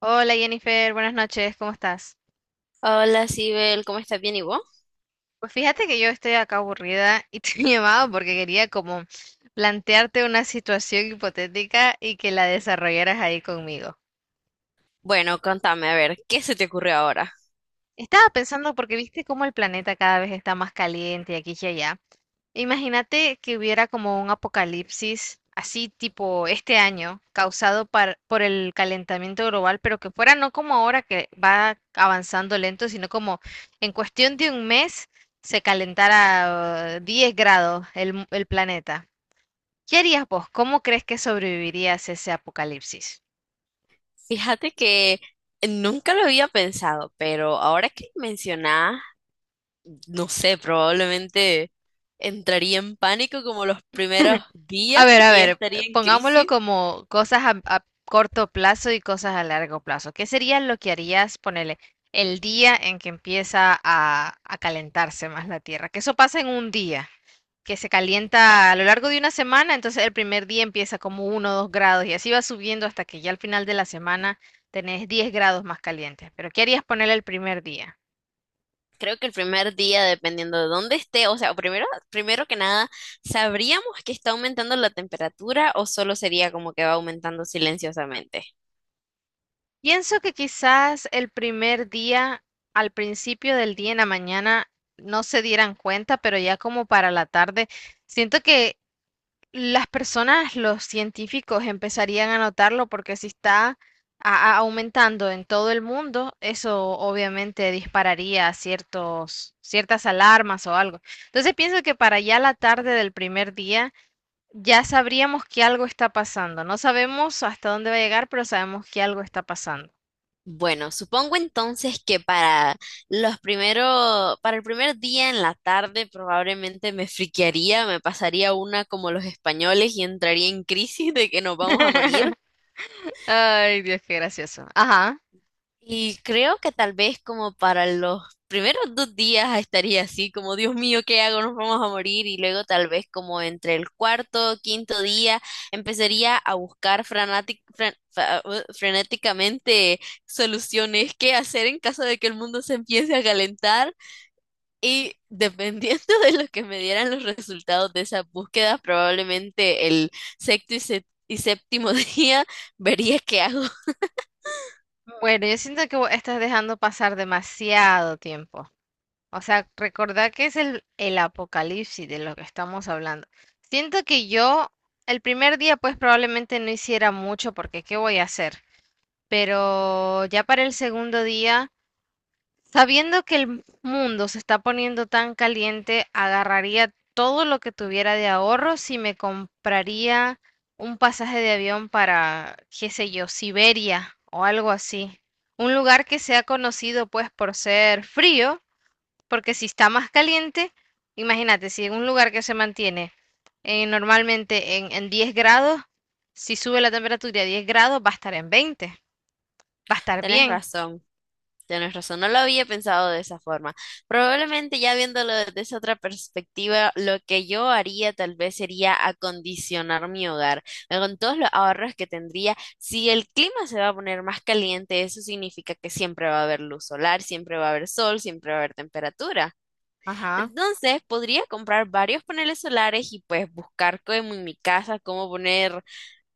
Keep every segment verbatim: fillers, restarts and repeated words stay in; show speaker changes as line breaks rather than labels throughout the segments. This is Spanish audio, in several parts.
Hola Jennifer, buenas noches, ¿cómo estás?
Hola, Sibel, ¿cómo estás? ¿Bien y vos?
Pues fíjate que yo estoy acá aburrida y te he llamado porque quería como plantearte una situación hipotética y que la desarrollaras ahí conmigo.
Bueno, contame, a ver, ¿qué se te ocurrió ahora?
Estaba pensando porque viste cómo el planeta cada vez está más caliente y aquí y allá. Imagínate que hubiera como un apocalipsis así tipo este año causado par- por el calentamiento global, pero que fuera no como ahora que va avanzando lento, sino como en cuestión de un mes se calentara eh, diez grados el, mu- el planeta. ¿Qué harías vos? ¿Cómo crees que sobrevivirías ese apocalipsis?
Fíjate que nunca lo había pensado, pero ahora que mencionás, no sé, probablemente entraría en pánico como los primeros
A
días
ver, a
y
ver,
estaría en
pongámoslo
crisis.
como cosas a, a corto plazo y cosas a largo plazo. ¿Qué sería lo que harías, ponele, el día en que empieza a, a calentarse más la Tierra? Que eso pasa en un día, que se calienta a lo largo de una semana, entonces el primer día empieza como uno, o dos grados y así va subiendo hasta que ya al final de la semana tenés diez grados más calientes. Pero ¿qué harías ponerle el primer día?
Creo que el primer día, dependiendo de dónde esté, o sea, primero, primero que nada, ¿sabríamos que está aumentando la temperatura o solo sería como que va aumentando silenciosamente?
Pienso que quizás el primer día, al principio del día en la mañana, no se dieran cuenta, pero ya como para la tarde, siento que las personas, los científicos empezarían a notarlo porque si está a- a- aumentando en todo el mundo, eso obviamente dispararía ciertos, ciertas alarmas o algo. Entonces pienso que para ya la tarde del primer día ya sabríamos que algo está pasando. No sabemos hasta dónde va a llegar, pero sabemos que algo está pasando.
Bueno, supongo entonces que para los primero, para el primer día en la tarde probablemente me friquearía, me pasaría una como los españoles y entraría en crisis de que nos vamos a morir.
Ay, Dios, qué gracioso. Ajá.
Y creo que tal vez como para los primeros dos días estaría así, como Dios mío, ¿qué hago? Nos vamos a morir. Y luego tal vez como entre el cuarto, quinto día, empezaría a buscar frenátic- fren- fa- uh, frenéticamente soluciones, qué hacer en caso de que el mundo se empiece a calentar. Y dependiendo de lo que me dieran los resultados de esas búsquedas, probablemente el sexto y, sé- y séptimo día vería qué hago.
Mm. Bueno, yo siento que vos estás dejando pasar demasiado tiempo. O sea, recordá que es el, el apocalipsis de lo que estamos hablando. Siento que yo el primer día pues probablemente no hiciera mucho porque ¿qué voy a hacer? Pero ya para el segundo día. Sabiendo que el mundo se está poniendo tan caliente, agarraría todo lo que tuviera de ahorro si me compraría un pasaje de avión para, qué sé yo, Siberia o algo así. Un lugar que sea conocido pues por ser frío, porque si está más caliente, imagínate, si en un lugar que se mantiene eh, normalmente en, en diez grados, si sube la temperatura a diez grados, va a estar en veinte, va a estar
Tienes
bien.
razón. Tienes razón, no lo había pensado de esa forma. Probablemente ya viéndolo desde esa otra perspectiva, lo que yo haría tal vez sería acondicionar mi hogar. Eh, Con todos los ahorros que tendría, si el clima se va a poner más caliente, eso significa que siempre va a haber luz solar, siempre va a haber sol, siempre va a haber temperatura.
Ajá.
Entonces, podría comprar varios paneles solares y pues buscar como en mi casa cómo poner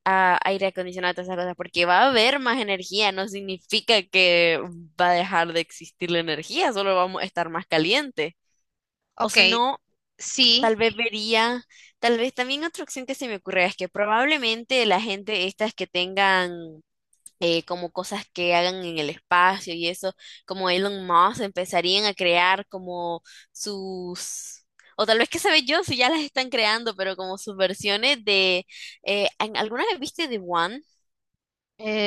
a aire acondicionado, todas esas cosas, porque va a haber más energía, no significa que va a dejar de existir la energía, solo vamos a estar más caliente. O
Ok,
si no,
sí.
tal vez vería, tal vez también otra opción que se me ocurre es que probablemente la gente estas que tengan eh, como cosas que hagan en el espacio y eso, como Elon Musk, empezarían a crear como sus... O tal vez que sabe yo si ya las están creando, pero como sus versiones de... eh, ¿en- ¿alguna vez viste The One?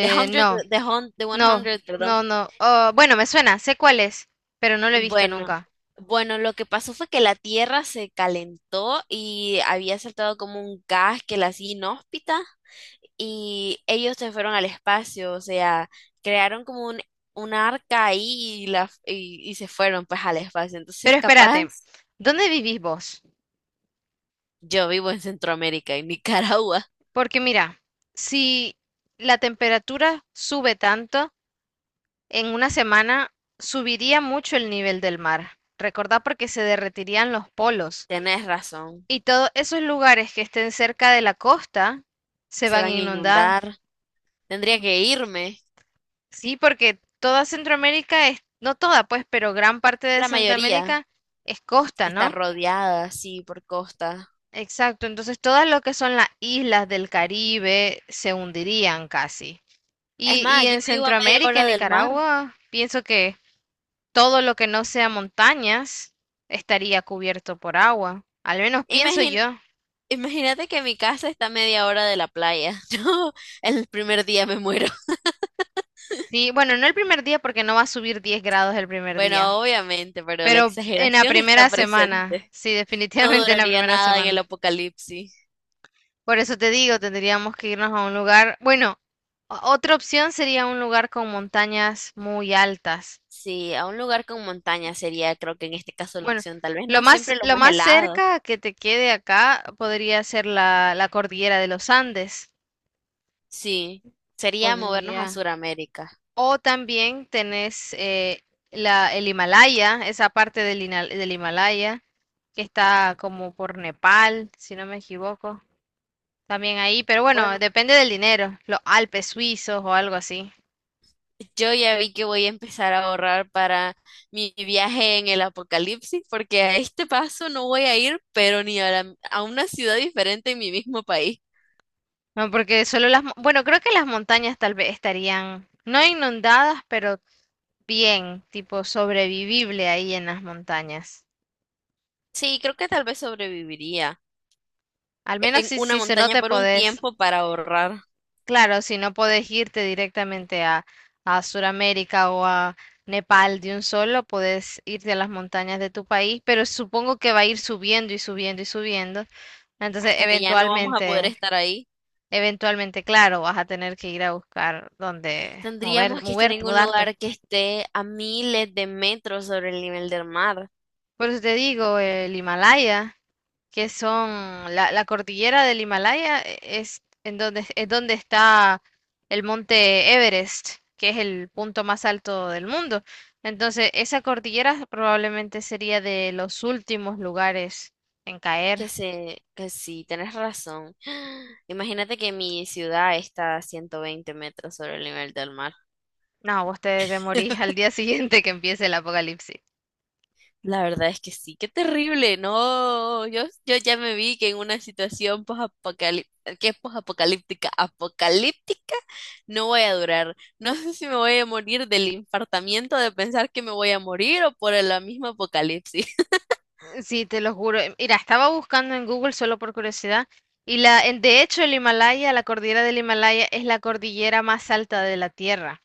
The Hundred,
No,
The Hun- The one
no,
hundred, perdón.
no, no. Oh, bueno, me suena, sé cuál es, pero no lo he visto
Bueno,
nunca.
bueno, lo que pasó fue que la Tierra se calentó y había saltado como un gas que la hacía inhóspita y ellos se fueron al espacio, o sea, crearon como un, un arca ahí y, la, y, y se fueron pues al espacio. Entonces,
Pero
capaz,
espérate, ¿dónde vivís vos?
yo vivo en Centroamérica, en Nicaragua.
Porque mira, si la temperatura sube tanto, en una semana subiría mucho el nivel del mar. Recordá porque se derretirían los polos
Tenés razón,
y todos esos lugares que estén cerca de la costa se
se
van a
van a
inundar.
inundar. Tendría que irme.
Sí, porque toda Centroamérica es, no toda pues, pero gran parte de
La mayoría
Centroamérica es costa,
está
¿no?
rodeada, sí, por costas.
Exacto, entonces todas lo que son las islas del Caribe se hundirían casi.
Es
Y, y
más, yo
en
vivo a media
Centroamérica
hora
en
del mar.
Nicaragua, pienso que todo lo que no sea montañas estaría cubierto por agua. Al menos pienso
Imagin-
yo.
imagínate que mi casa está a media hora de la playa. Yo el primer día me muero.
Sí, bueno, no el primer día porque no va a subir diez grados el primer día,
Bueno, obviamente, pero la
pero en la
exageración está
primera semana,
presente.
sí,
No
definitivamente en la
duraría
primera
nada en el
semana.
apocalipsis.
Por eso te digo, tendríamos que irnos a un lugar, bueno, o- otra opción sería un lugar con montañas muy altas.
Sí, a un lugar con montaña sería, creo que en este caso la
Bueno,
opción, tal vez
lo
no siempre
más,
lo
lo
más
más
helado.
cerca que te quede acá podría ser la, la cordillera de los Andes.
Sí, sería movernos a
Podría.
Sudamérica.
O también tenés eh, la, el Himalaya, esa parte del, Hina- del Himalaya, que está como por Nepal, si no me equivoco. También ahí, pero bueno,
Bueno,
depende del dinero. Los Alpes suizos o algo así.
yo ya vi que voy a empezar a ahorrar para mi viaje en el apocalipsis, porque a este paso no voy a ir, pero ni a, la- a una ciudad diferente en mi mismo país.
No, porque solo las... mo- bueno, creo que las montañas tal vez estarían, no inundadas, pero bien, tipo sobrevivible ahí en las montañas.
Sí, creo que tal vez sobreviviría
Al menos
en
si,
una
si se no
montaña
te
por un
podés,
tiempo para ahorrar,
claro, si no podés irte directamente a, a Sudamérica o a Nepal de un solo, podés irte a las montañas de tu país, pero supongo que va a ir subiendo y subiendo y subiendo. Entonces,
hasta que ya no vamos a poder
eventualmente,
estar ahí.
eventualmente, claro, vas a tener que ir a buscar dónde mover,
Tendríamos que estar
moverte,
en un
mudarte.
lugar que esté a miles de metros sobre el nivel del mar.
Por eso te digo, el Himalaya. Que son la, la cordillera del Himalaya, eh, es en donde, es donde está el monte Everest, que es el punto más alto del mundo. Entonces, esa cordillera probablemente sería de los últimos lugares en caer.
Que se, que sí, tenés razón. Imagínate que mi ciudad está a ciento veinte metros sobre el nivel del mar.
No, vos te, te morís al día siguiente que empiece el apocalipsis.
La verdad es que sí, qué terrible, no, yo, yo ya me vi que en una situación posapocalíptica, que es posapocalíptica, apocalíptica, no voy a durar. No sé si me voy a morir del infartamiento de pensar que me voy a morir o por la misma apocalipsis.
Eh, Sí, te lo juro. Eh, Mira, estaba buscando en Google solo por curiosidad. Y la, en- de hecho, el Himalaya, la cordillera del Himalaya, es la cordillera más alta de la Tierra.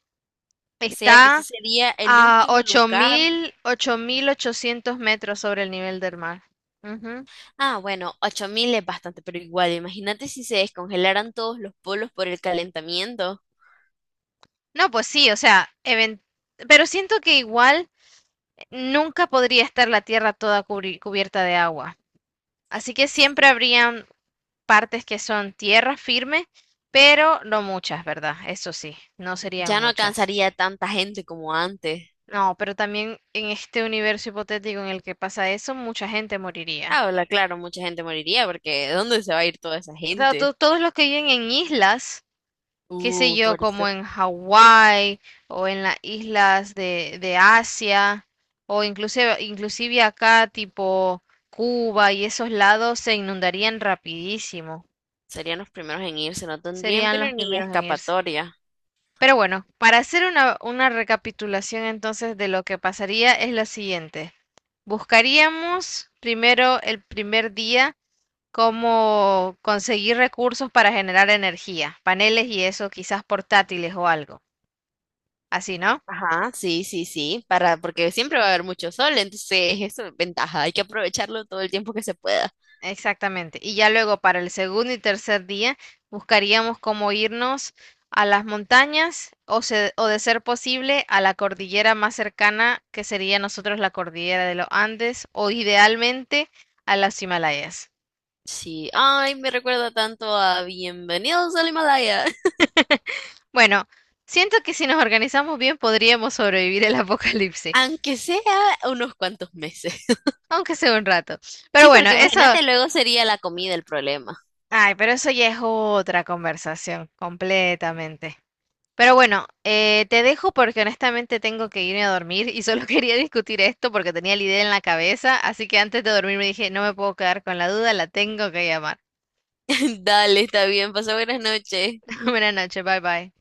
O sea que ese
Está
sería el
a
último
ocho ocho
lugar.
mil ocho mil ochocientos metros sobre el nivel del mar. Ujú.
Ah, bueno, ocho mil es bastante, pero igual, imagínate si se descongelaran todos los polos por el calentamiento.
No, pues sí, o sea, even- pero siento que igual nunca podría estar la Tierra toda cubri- cubierta de agua. Así que siempre habrían partes que son tierra firme, pero no muchas, ¿verdad? Eso sí, no
Ya
serían
no
muchas.
alcanzaría tanta gente como antes.
No, pero también en este universo hipotético en el que pasa eso, mucha gente moriría.
Ah, hola, claro, mucha gente moriría porque ¿de dónde se va a ir toda esa
Claro,
gente?
to- todos los que viven en islas qué sé
Uh,
yo,
por eso
como en Hawái o en las islas de, de Asia o inclusive, inclusive acá tipo Cuba y esos lados se inundarían rapidísimo.
serían los primeros en irse, no tendrían
Serían
pero
los
ni
primeros en irse.
escapatoria.
Pero bueno, para hacer una, una recapitulación entonces de lo que pasaría es lo siguiente. Buscaríamos primero el primer día cómo conseguir recursos para generar energía, paneles y eso, quizás portátiles o algo. Así, ¿no?
Ajá, sí, sí, sí, para, porque siempre va a haber mucho sol, entonces eso es ventaja, hay que aprovecharlo todo el tiempo que se pueda.
Exactamente. Y ya luego para el segundo y tercer día buscaríamos cómo irnos a las montañas o, se- o de ser posible a la cordillera más cercana que sería nosotros la cordillera de los Andes o idealmente a las Himalayas.
Sí, ay, me recuerda tanto a Bienvenidos al Himalaya,
Bueno, siento que si nos organizamos bien podríamos sobrevivir el apocalipsis,
aunque sea unos cuantos meses.
aunque sea un rato. Pero
Sí,
bueno,
porque
eso,
imagínate, luego sería la comida el problema.
ay, pero eso ya es otra conversación completamente. Pero bueno, eh, te dejo porque honestamente tengo que irme a dormir y solo quería discutir esto porque tenía la idea en la cabeza, así que antes de dormir me dije, no me puedo quedar con la duda, la tengo que llamar.
Dale, está bien, pasó buenas noches.
Buenas noches, bye bye.